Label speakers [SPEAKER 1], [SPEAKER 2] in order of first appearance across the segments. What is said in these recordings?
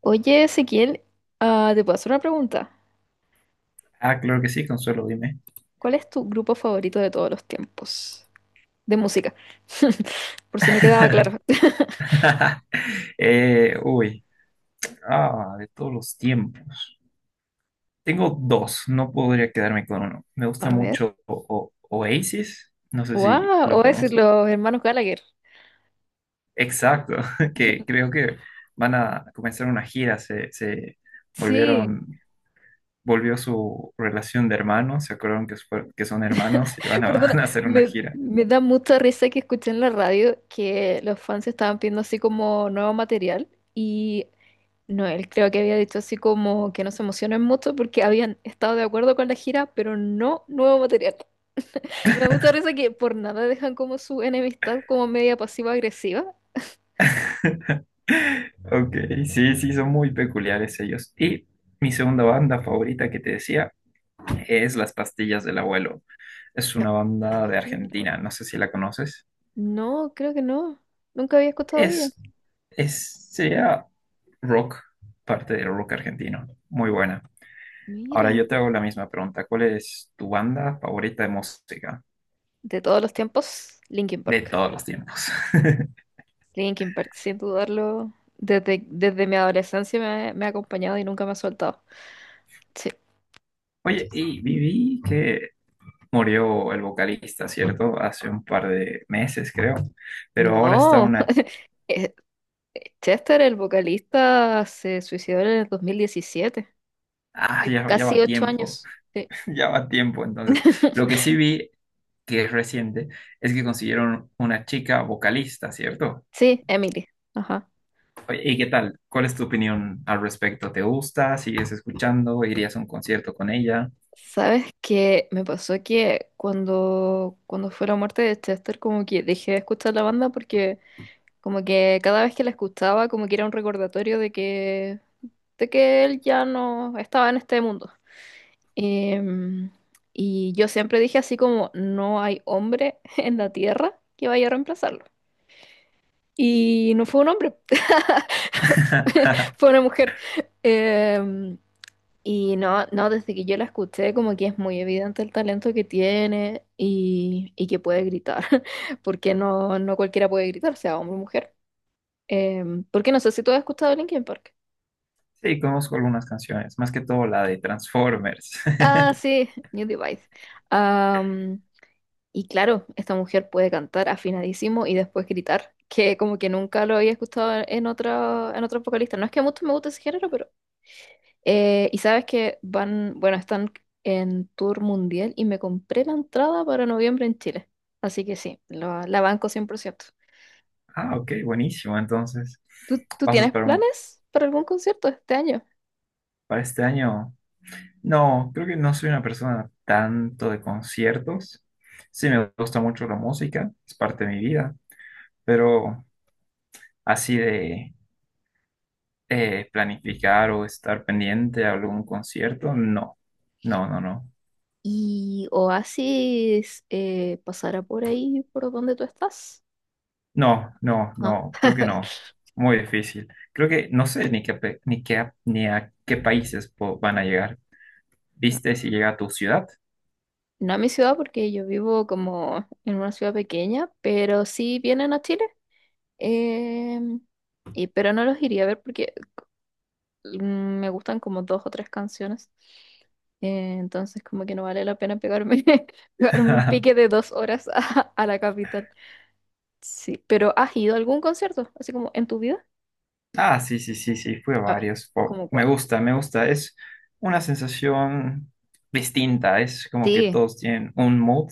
[SPEAKER 1] Oye, Ezequiel, te puedo hacer una pregunta.
[SPEAKER 2] Ah, claro que sí, Consuelo, dime.
[SPEAKER 1] ¿Cuál es tu grupo favorito de todos los tiempos? De música. Por si no quedaba claro.
[SPEAKER 2] Eh, uy, de todos los tiempos. Tengo dos, no podría quedarme con uno. Me gusta
[SPEAKER 1] A ver.
[SPEAKER 2] mucho Oasis, no sé si
[SPEAKER 1] ¡Wow!
[SPEAKER 2] lo
[SPEAKER 1] O decir
[SPEAKER 2] conoces.
[SPEAKER 1] los hermanos Gallagher.
[SPEAKER 2] Exacto, que creo que van a comenzar una gira, se
[SPEAKER 1] Sí,
[SPEAKER 2] volvieron, volvió su relación de hermanos, se acordaron que, que son hermanos y van a,
[SPEAKER 1] perdona,
[SPEAKER 2] van a hacer una
[SPEAKER 1] me,
[SPEAKER 2] gira.
[SPEAKER 1] me da mucha risa que escuché en la radio que los fans estaban pidiendo así como nuevo material y Noel creo que había dicho así como que no se emocionen mucho porque habían estado de acuerdo con la gira, pero no nuevo material. Me gusta risa que por nada dejan como su enemistad como media pasiva-agresiva.
[SPEAKER 2] Ok, sí, son muy peculiares ellos. Y mi segunda banda favorita que te decía es Las Pastillas del Abuelo. Es
[SPEAKER 1] No,
[SPEAKER 2] una
[SPEAKER 1] las
[SPEAKER 2] banda de
[SPEAKER 1] pastillas de la abuela.
[SPEAKER 2] Argentina, no sé si la conoces.
[SPEAKER 1] No, creo que no. Nunca había escuchado de ella.
[SPEAKER 2] Es, sería rock, parte del rock argentino. Muy buena. Ahora
[SPEAKER 1] Mira,
[SPEAKER 2] yo te hago la misma pregunta. ¿Cuál es tu banda favorita de música
[SPEAKER 1] de todos los tiempos, Linkin
[SPEAKER 2] de
[SPEAKER 1] Park.
[SPEAKER 2] todos los tiempos?
[SPEAKER 1] Linkin Park, sin dudarlo, desde mi adolescencia me ha acompañado y nunca me ha soltado. Sí. Sí.
[SPEAKER 2] Oye,
[SPEAKER 1] Sí.
[SPEAKER 2] y viví que murió el vocalista, ¿cierto? Hace un par de meses, creo. Pero ahora está
[SPEAKER 1] No.
[SPEAKER 2] una...
[SPEAKER 1] Eh, Chester, el vocalista, se suicidó en el 2017.
[SPEAKER 2] Ah,
[SPEAKER 1] De
[SPEAKER 2] ya, ya
[SPEAKER 1] casi
[SPEAKER 2] va
[SPEAKER 1] ocho
[SPEAKER 2] tiempo.
[SPEAKER 1] años. Sí.
[SPEAKER 2] Ya va tiempo, entonces. Lo que sí vi, que es reciente, es que consiguieron una chica vocalista, ¿cierto?
[SPEAKER 1] Sí, Emily. Ajá.
[SPEAKER 2] Oye, ¿y qué tal? ¿Cuál es tu opinión al respecto? ¿Te gusta? ¿Sigues escuchando? ¿Irías a un concierto con ella?
[SPEAKER 1] Sabes que me pasó que cuando fue la muerte de Chester, como que dejé de escuchar la banda porque como que cada vez que la escuchaba, como que era un recordatorio de de que él ya no estaba en este mundo. Em, y yo siempre dije así como, no hay hombre en la tierra que vaya a reemplazarlo. Y no fue un hombre, fue una mujer. Em, y no, no, desde que yo la escuché, como que es muy evidente el talento que tiene y que puede gritar, porque no cualquiera puede gritar, sea hombre o mujer. Porque no sé si tú has escuchado Linkin Park.
[SPEAKER 2] Sí, conozco algunas canciones, más que todo la de Transformers.
[SPEAKER 1] Ah, sí, New Device. Am, y claro, esta mujer puede cantar afinadísimo y después gritar, que como que nunca lo había escuchado en otra, en otros vocalistas. No es que a muchos me guste ese género. Y sabes que van, bueno, están en tour mundial y me compré la entrada para noviembre en Chile. Así que sí, la banco 100%.
[SPEAKER 2] Ah, ok, buenísimo. Entonces,
[SPEAKER 1] ¿Tú, tú
[SPEAKER 2] ¿vas a
[SPEAKER 1] tienes
[SPEAKER 2] esperar un-
[SPEAKER 1] planes para algún concierto este año?
[SPEAKER 2] ¿para este año? No, creo que no soy una persona tanto de conciertos. Sí, me gusta mucho la música, es parte de mi vida, pero así de planificar o estar pendiente a algún concierto, no, no, no,
[SPEAKER 1] ¿Y Oasis pasará por ahí, por donde tú estás? Ah.
[SPEAKER 2] no, creo que no, muy difícil. Creo que no sé ni qué, ni a qué países van a llegar.
[SPEAKER 1] No,
[SPEAKER 2] ¿Viste si llega a tu ciudad?
[SPEAKER 1] no a mi ciudad porque yo vivo como en una ciudad pequeña, pero sí vienen a Chile. Em, y, pero no los iría a ver porque me gustan como 2 o 3 canciones. Entonces como que no vale la pena pegarme un pique de 2 horas a la capital. Sí, pero ¿has ido a algún concierto? Así como en tu vida.
[SPEAKER 2] Ah, sí, sí, sí, sí, fui a
[SPEAKER 1] A ver,
[SPEAKER 2] varios.
[SPEAKER 1] ¿cómo
[SPEAKER 2] Me
[SPEAKER 1] cuál?
[SPEAKER 2] gusta, me gusta. Es una sensación distinta. Es como que
[SPEAKER 1] Sí,
[SPEAKER 2] todos tienen un mood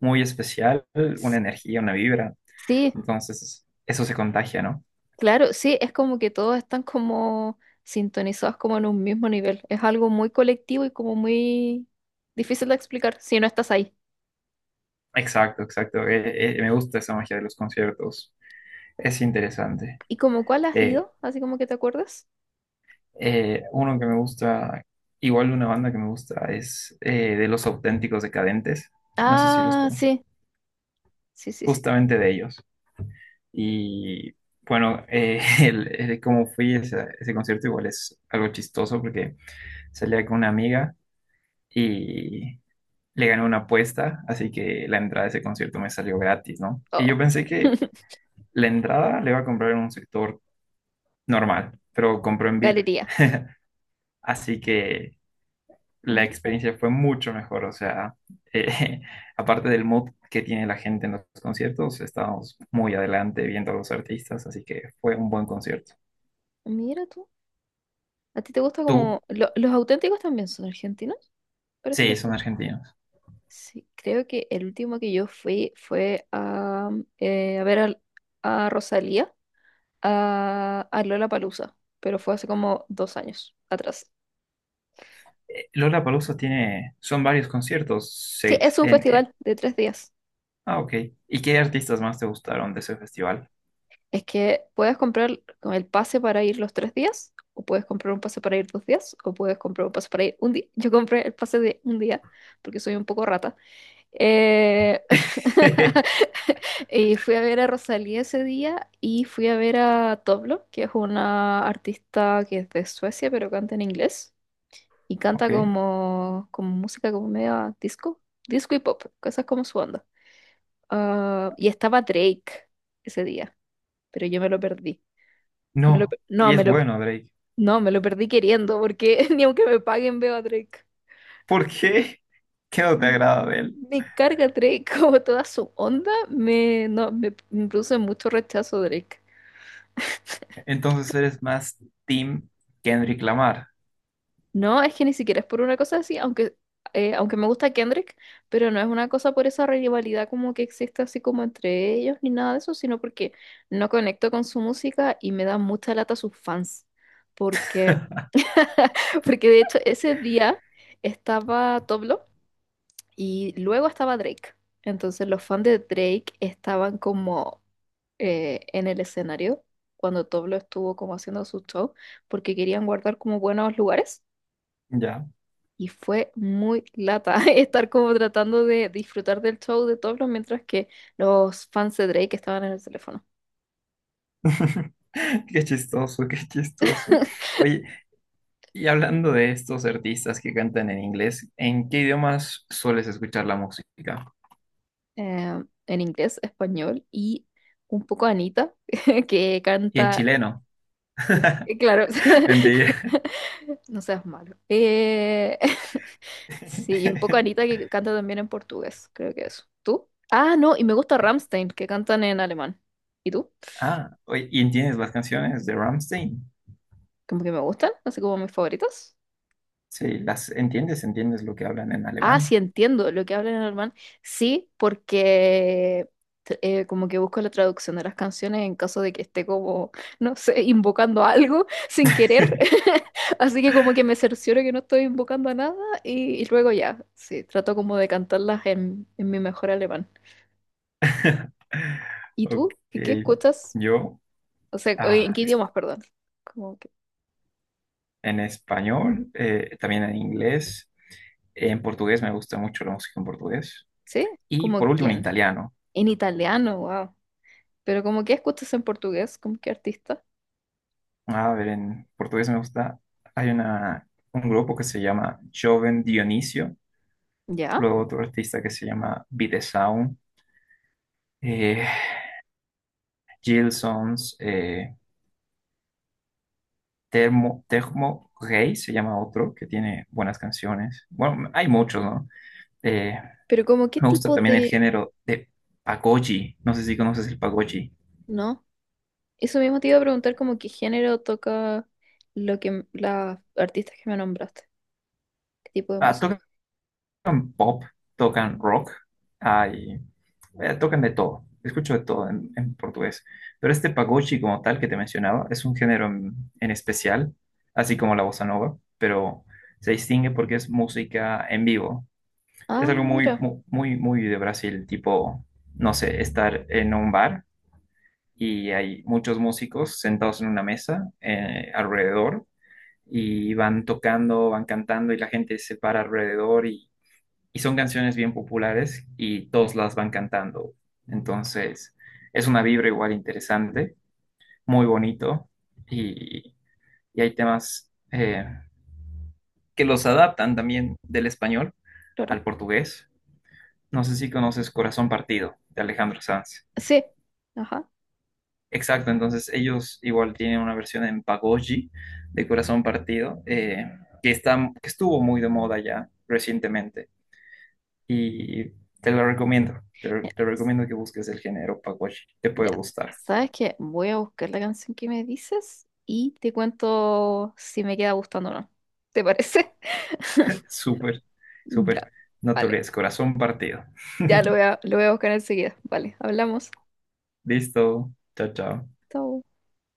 [SPEAKER 2] muy especial, una
[SPEAKER 1] s-
[SPEAKER 2] energía, una vibra.
[SPEAKER 1] sí,
[SPEAKER 2] Entonces, eso se contagia, no.
[SPEAKER 1] claro, sí, es como que todos están como sintonizados como en un mismo nivel. Es algo muy colectivo y como muy difícil de explicar si no estás ahí.
[SPEAKER 2] Exacto, exacto. Me gusta esa magia de los conciertos. Es interesante.
[SPEAKER 1] ¿Y como cuál has
[SPEAKER 2] Eh,
[SPEAKER 1] ido? Así como que te acuerdas.
[SPEAKER 2] uno que me gusta, igual una banda que me gusta, es de Los Auténticos Decadentes. No sé si los
[SPEAKER 1] Ah,
[SPEAKER 2] conoces.
[SPEAKER 1] sí, sí, sí, sí.
[SPEAKER 2] Justamente de ellos. Y bueno, el cómo fui a ese concierto igual es algo chistoso porque salía con una amiga y le gané una apuesta, así que la entrada a ese concierto me salió gratis, ¿no? Y
[SPEAKER 1] Oh.
[SPEAKER 2] yo pensé que... La entrada le iba a comprar en un sector normal, pero compró en VIP,
[SPEAKER 1] Galería.
[SPEAKER 2] así que la
[SPEAKER 1] Mm.
[SPEAKER 2] experiencia fue mucho mejor, o sea, eh, aparte del mood que tiene la gente en los conciertos, estábamos muy adelante viendo a los artistas, así que fue un buen concierto.
[SPEAKER 1] Mira tú. ¿A ti te gusta
[SPEAKER 2] ¿Tú?
[SPEAKER 1] como... los auténticos también son argentinos? Parece
[SPEAKER 2] Sí,
[SPEAKER 1] que
[SPEAKER 2] son
[SPEAKER 1] sí.
[SPEAKER 2] argentinos.
[SPEAKER 1] Sí, creo que el último que yo fui fue a ver a Rosalía, a Lollapalooza, pero fue hace como 2 años atrás.
[SPEAKER 2] Lollapalooza tiene, son varios conciertos,
[SPEAKER 1] Sí,
[SPEAKER 2] seis.
[SPEAKER 1] es un festival de 3 días.
[SPEAKER 2] Ah, ok. ¿Y qué artistas más te gustaron de ese festival?
[SPEAKER 1] Es que puedes comprar con el pase para ir los 3 días, o puedes comprar un pase para ir 2 días, o puedes comprar un pase para ir un día. Yo compré el pase de un día porque soy un poco rata. Eh, y fui a ver a Rosalía ese día y fui a ver a Toblo, que es una artista que es de Suecia, pero canta en inglés y canta
[SPEAKER 2] Ok.
[SPEAKER 1] como, como música como media disco, disco y pop, cosas como su onda. Ah, y estaba Drake ese día, pero yo me lo perdí. Me lo
[SPEAKER 2] No,
[SPEAKER 1] pe- no,
[SPEAKER 2] y
[SPEAKER 1] me
[SPEAKER 2] es
[SPEAKER 1] lo,
[SPEAKER 2] bueno, Drake.
[SPEAKER 1] no, me lo perdí queriendo porque ni aunque me paguen veo a Drake.
[SPEAKER 2] ¿Por qué? ¿Qué no te
[SPEAKER 1] m-
[SPEAKER 2] agrada de él?
[SPEAKER 1] Me carga Drake, como toda su onda, me, no, me produce mucho rechazo Drake.
[SPEAKER 2] Entonces eres más Team Kendrick Lamar.
[SPEAKER 1] No, es que ni siquiera es por una cosa así, aunque me gusta Kendrick, pero no es una cosa por esa rivalidad como que existe así como entre ellos ni nada de eso, sino porque no conecto con su música y me da mucha lata sus fans. Porque, porque de hecho ese día estaba Toblo y luego estaba Drake. Entonces los fans de Drake estaban como... en el escenario cuando Toblo estuvo como haciendo su show porque querían guardar como buenos lugares
[SPEAKER 2] Ya.
[SPEAKER 1] y fue muy lata estar como tratando de disfrutar del show de Toblo mientras que los fans de Drake estaban en el teléfono.
[SPEAKER 2] Qué chistoso, qué chistoso. Oye, y hablando de estos artistas que cantan en inglés, ¿en qué idiomas sueles escuchar la música?
[SPEAKER 1] En inglés, español y un poco Anita que
[SPEAKER 2] Y en
[SPEAKER 1] canta,
[SPEAKER 2] chileno.
[SPEAKER 1] claro,
[SPEAKER 2] Mentira.
[SPEAKER 1] no seas malo. Sí, y un poco Anita que canta también en portugués, creo que eso. ¿Tú? Ah, no, y me gusta Rammstein, que cantan en alemán. ¿Y tú?
[SPEAKER 2] Ah, oye, ¿y entiendes las canciones de Rammstein?
[SPEAKER 1] Como que me gustan, así como mis favoritos.
[SPEAKER 2] Sí, las entiendes, entiendes lo que hablan en
[SPEAKER 1] Ah, sí,
[SPEAKER 2] alemán.
[SPEAKER 1] entiendo lo que hablan en alemán. Sí, porque como que busco la traducción de las canciones en caso de que esté como, no sé, invocando algo sin querer. Así que como que me cercioro que no estoy invocando a nada y, y luego ya, sí, trato como de cantarlas en mi mejor alemán. ¿Y tú?
[SPEAKER 2] Ok,
[SPEAKER 1] ¿Y qué escuchas?
[SPEAKER 2] yo,
[SPEAKER 1] O sea, oye, ¿en
[SPEAKER 2] ah,
[SPEAKER 1] qué idiomas, perdón? Como que,
[SPEAKER 2] en español, también en inglés, en portugués me gusta mucho la música en portugués
[SPEAKER 1] ¿sí?
[SPEAKER 2] y por
[SPEAKER 1] ¿Como
[SPEAKER 2] último en
[SPEAKER 1] quién?
[SPEAKER 2] italiano.
[SPEAKER 1] En italiano, wow. Pero como que escuchas en portugués, como qué artista.
[SPEAKER 2] A ver, en portugués me gusta, hay una, un grupo que se llama Joven Dionisio,
[SPEAKER 1] ¿Ya?
[SPEAKER 2] luego otro artista que se llama Videsound, eh, Gilsons, Termo Rey se llama otro que tiene buenas canciones. Bueno, hay muchos, ¿no? Eh,
[SPEAKER 1] Pero como qué
[SPEAKER 2] me gusta
[SPEAKER 1] tipo
[SPEAKER 2] también el
[SPEAKER 1] de...
[SPEAKER 2] género de pagode, no sé si conoces el pagode.
[SPEAKER 1] ¿No? Eso mismo te iba a preguntar como qué género toca lo que las artistas que me nombraste. ¿Qué tipo de
[SPEAKER 2] Ah, ¿tú
[SPEAKER 1] música?
[SPEAKER 2] tocan pop, tocan rock, hay, tocan de todo. Escucho de todo en portugués. Pero este pagode como tal que te mencionaba es un género en especial, así como la bossa nova, pero se distingue porque es música en vivo. Es
[SPEAKER 1] Ah,
[SPEAKER 2] algo
[SPEAKER 1] mira,
[SPEAKER 2] muy, muy de Brasil, tipo, no sé, estar en un bar y hay muchos músicos sentados en una mesa alrededor y van tocando, van cantando y la gente se para alrededor y son canciones bien populares y todos las van cantando. Entonces, es una vibra igual interesante, muy bonito y, y hay temas que los adaptan también del español
[SPEAKER 1] claro.
[SPEAKER 2] al portugués. No sé si conoces Corazón Partido de Alejandro Sanz.
[SPEAKER 1] Sí. Ajá.
[SPEAKER 2] Exacto, entonces ellos igual tienen una versión en Pagoji de Corazón Partido que está, que estuvo muy de moda ya recientemente. Y te lo recomiendo.
[SPEAKER 1] Mira,
[SPEAKER 2] Te recomiendo que busques el género Paguachi. Te puede
[SPEAKER 1] mira.
[SPEAKER 2] gustar.
[SPEAKER 1] ¿Sabes qué? Voy a buscar la canción que me dices y te cuento si me queda gustando o no. ¿Te parece?
[SPEAKER 2] Súper, súper.
[SPEAKER 1] Ya.
[SPEAKER 2] No te
[SPEAKER 1] Vale.
[SPEAKER 2] olvides, corazón partido.
[SPEAKER 1] Ya lo voy lo voy a buscar enseguida. Vale, hablamos.
[SPEAKER 2] Listo. Chao, chao.
[SPEAKER 1] Chao.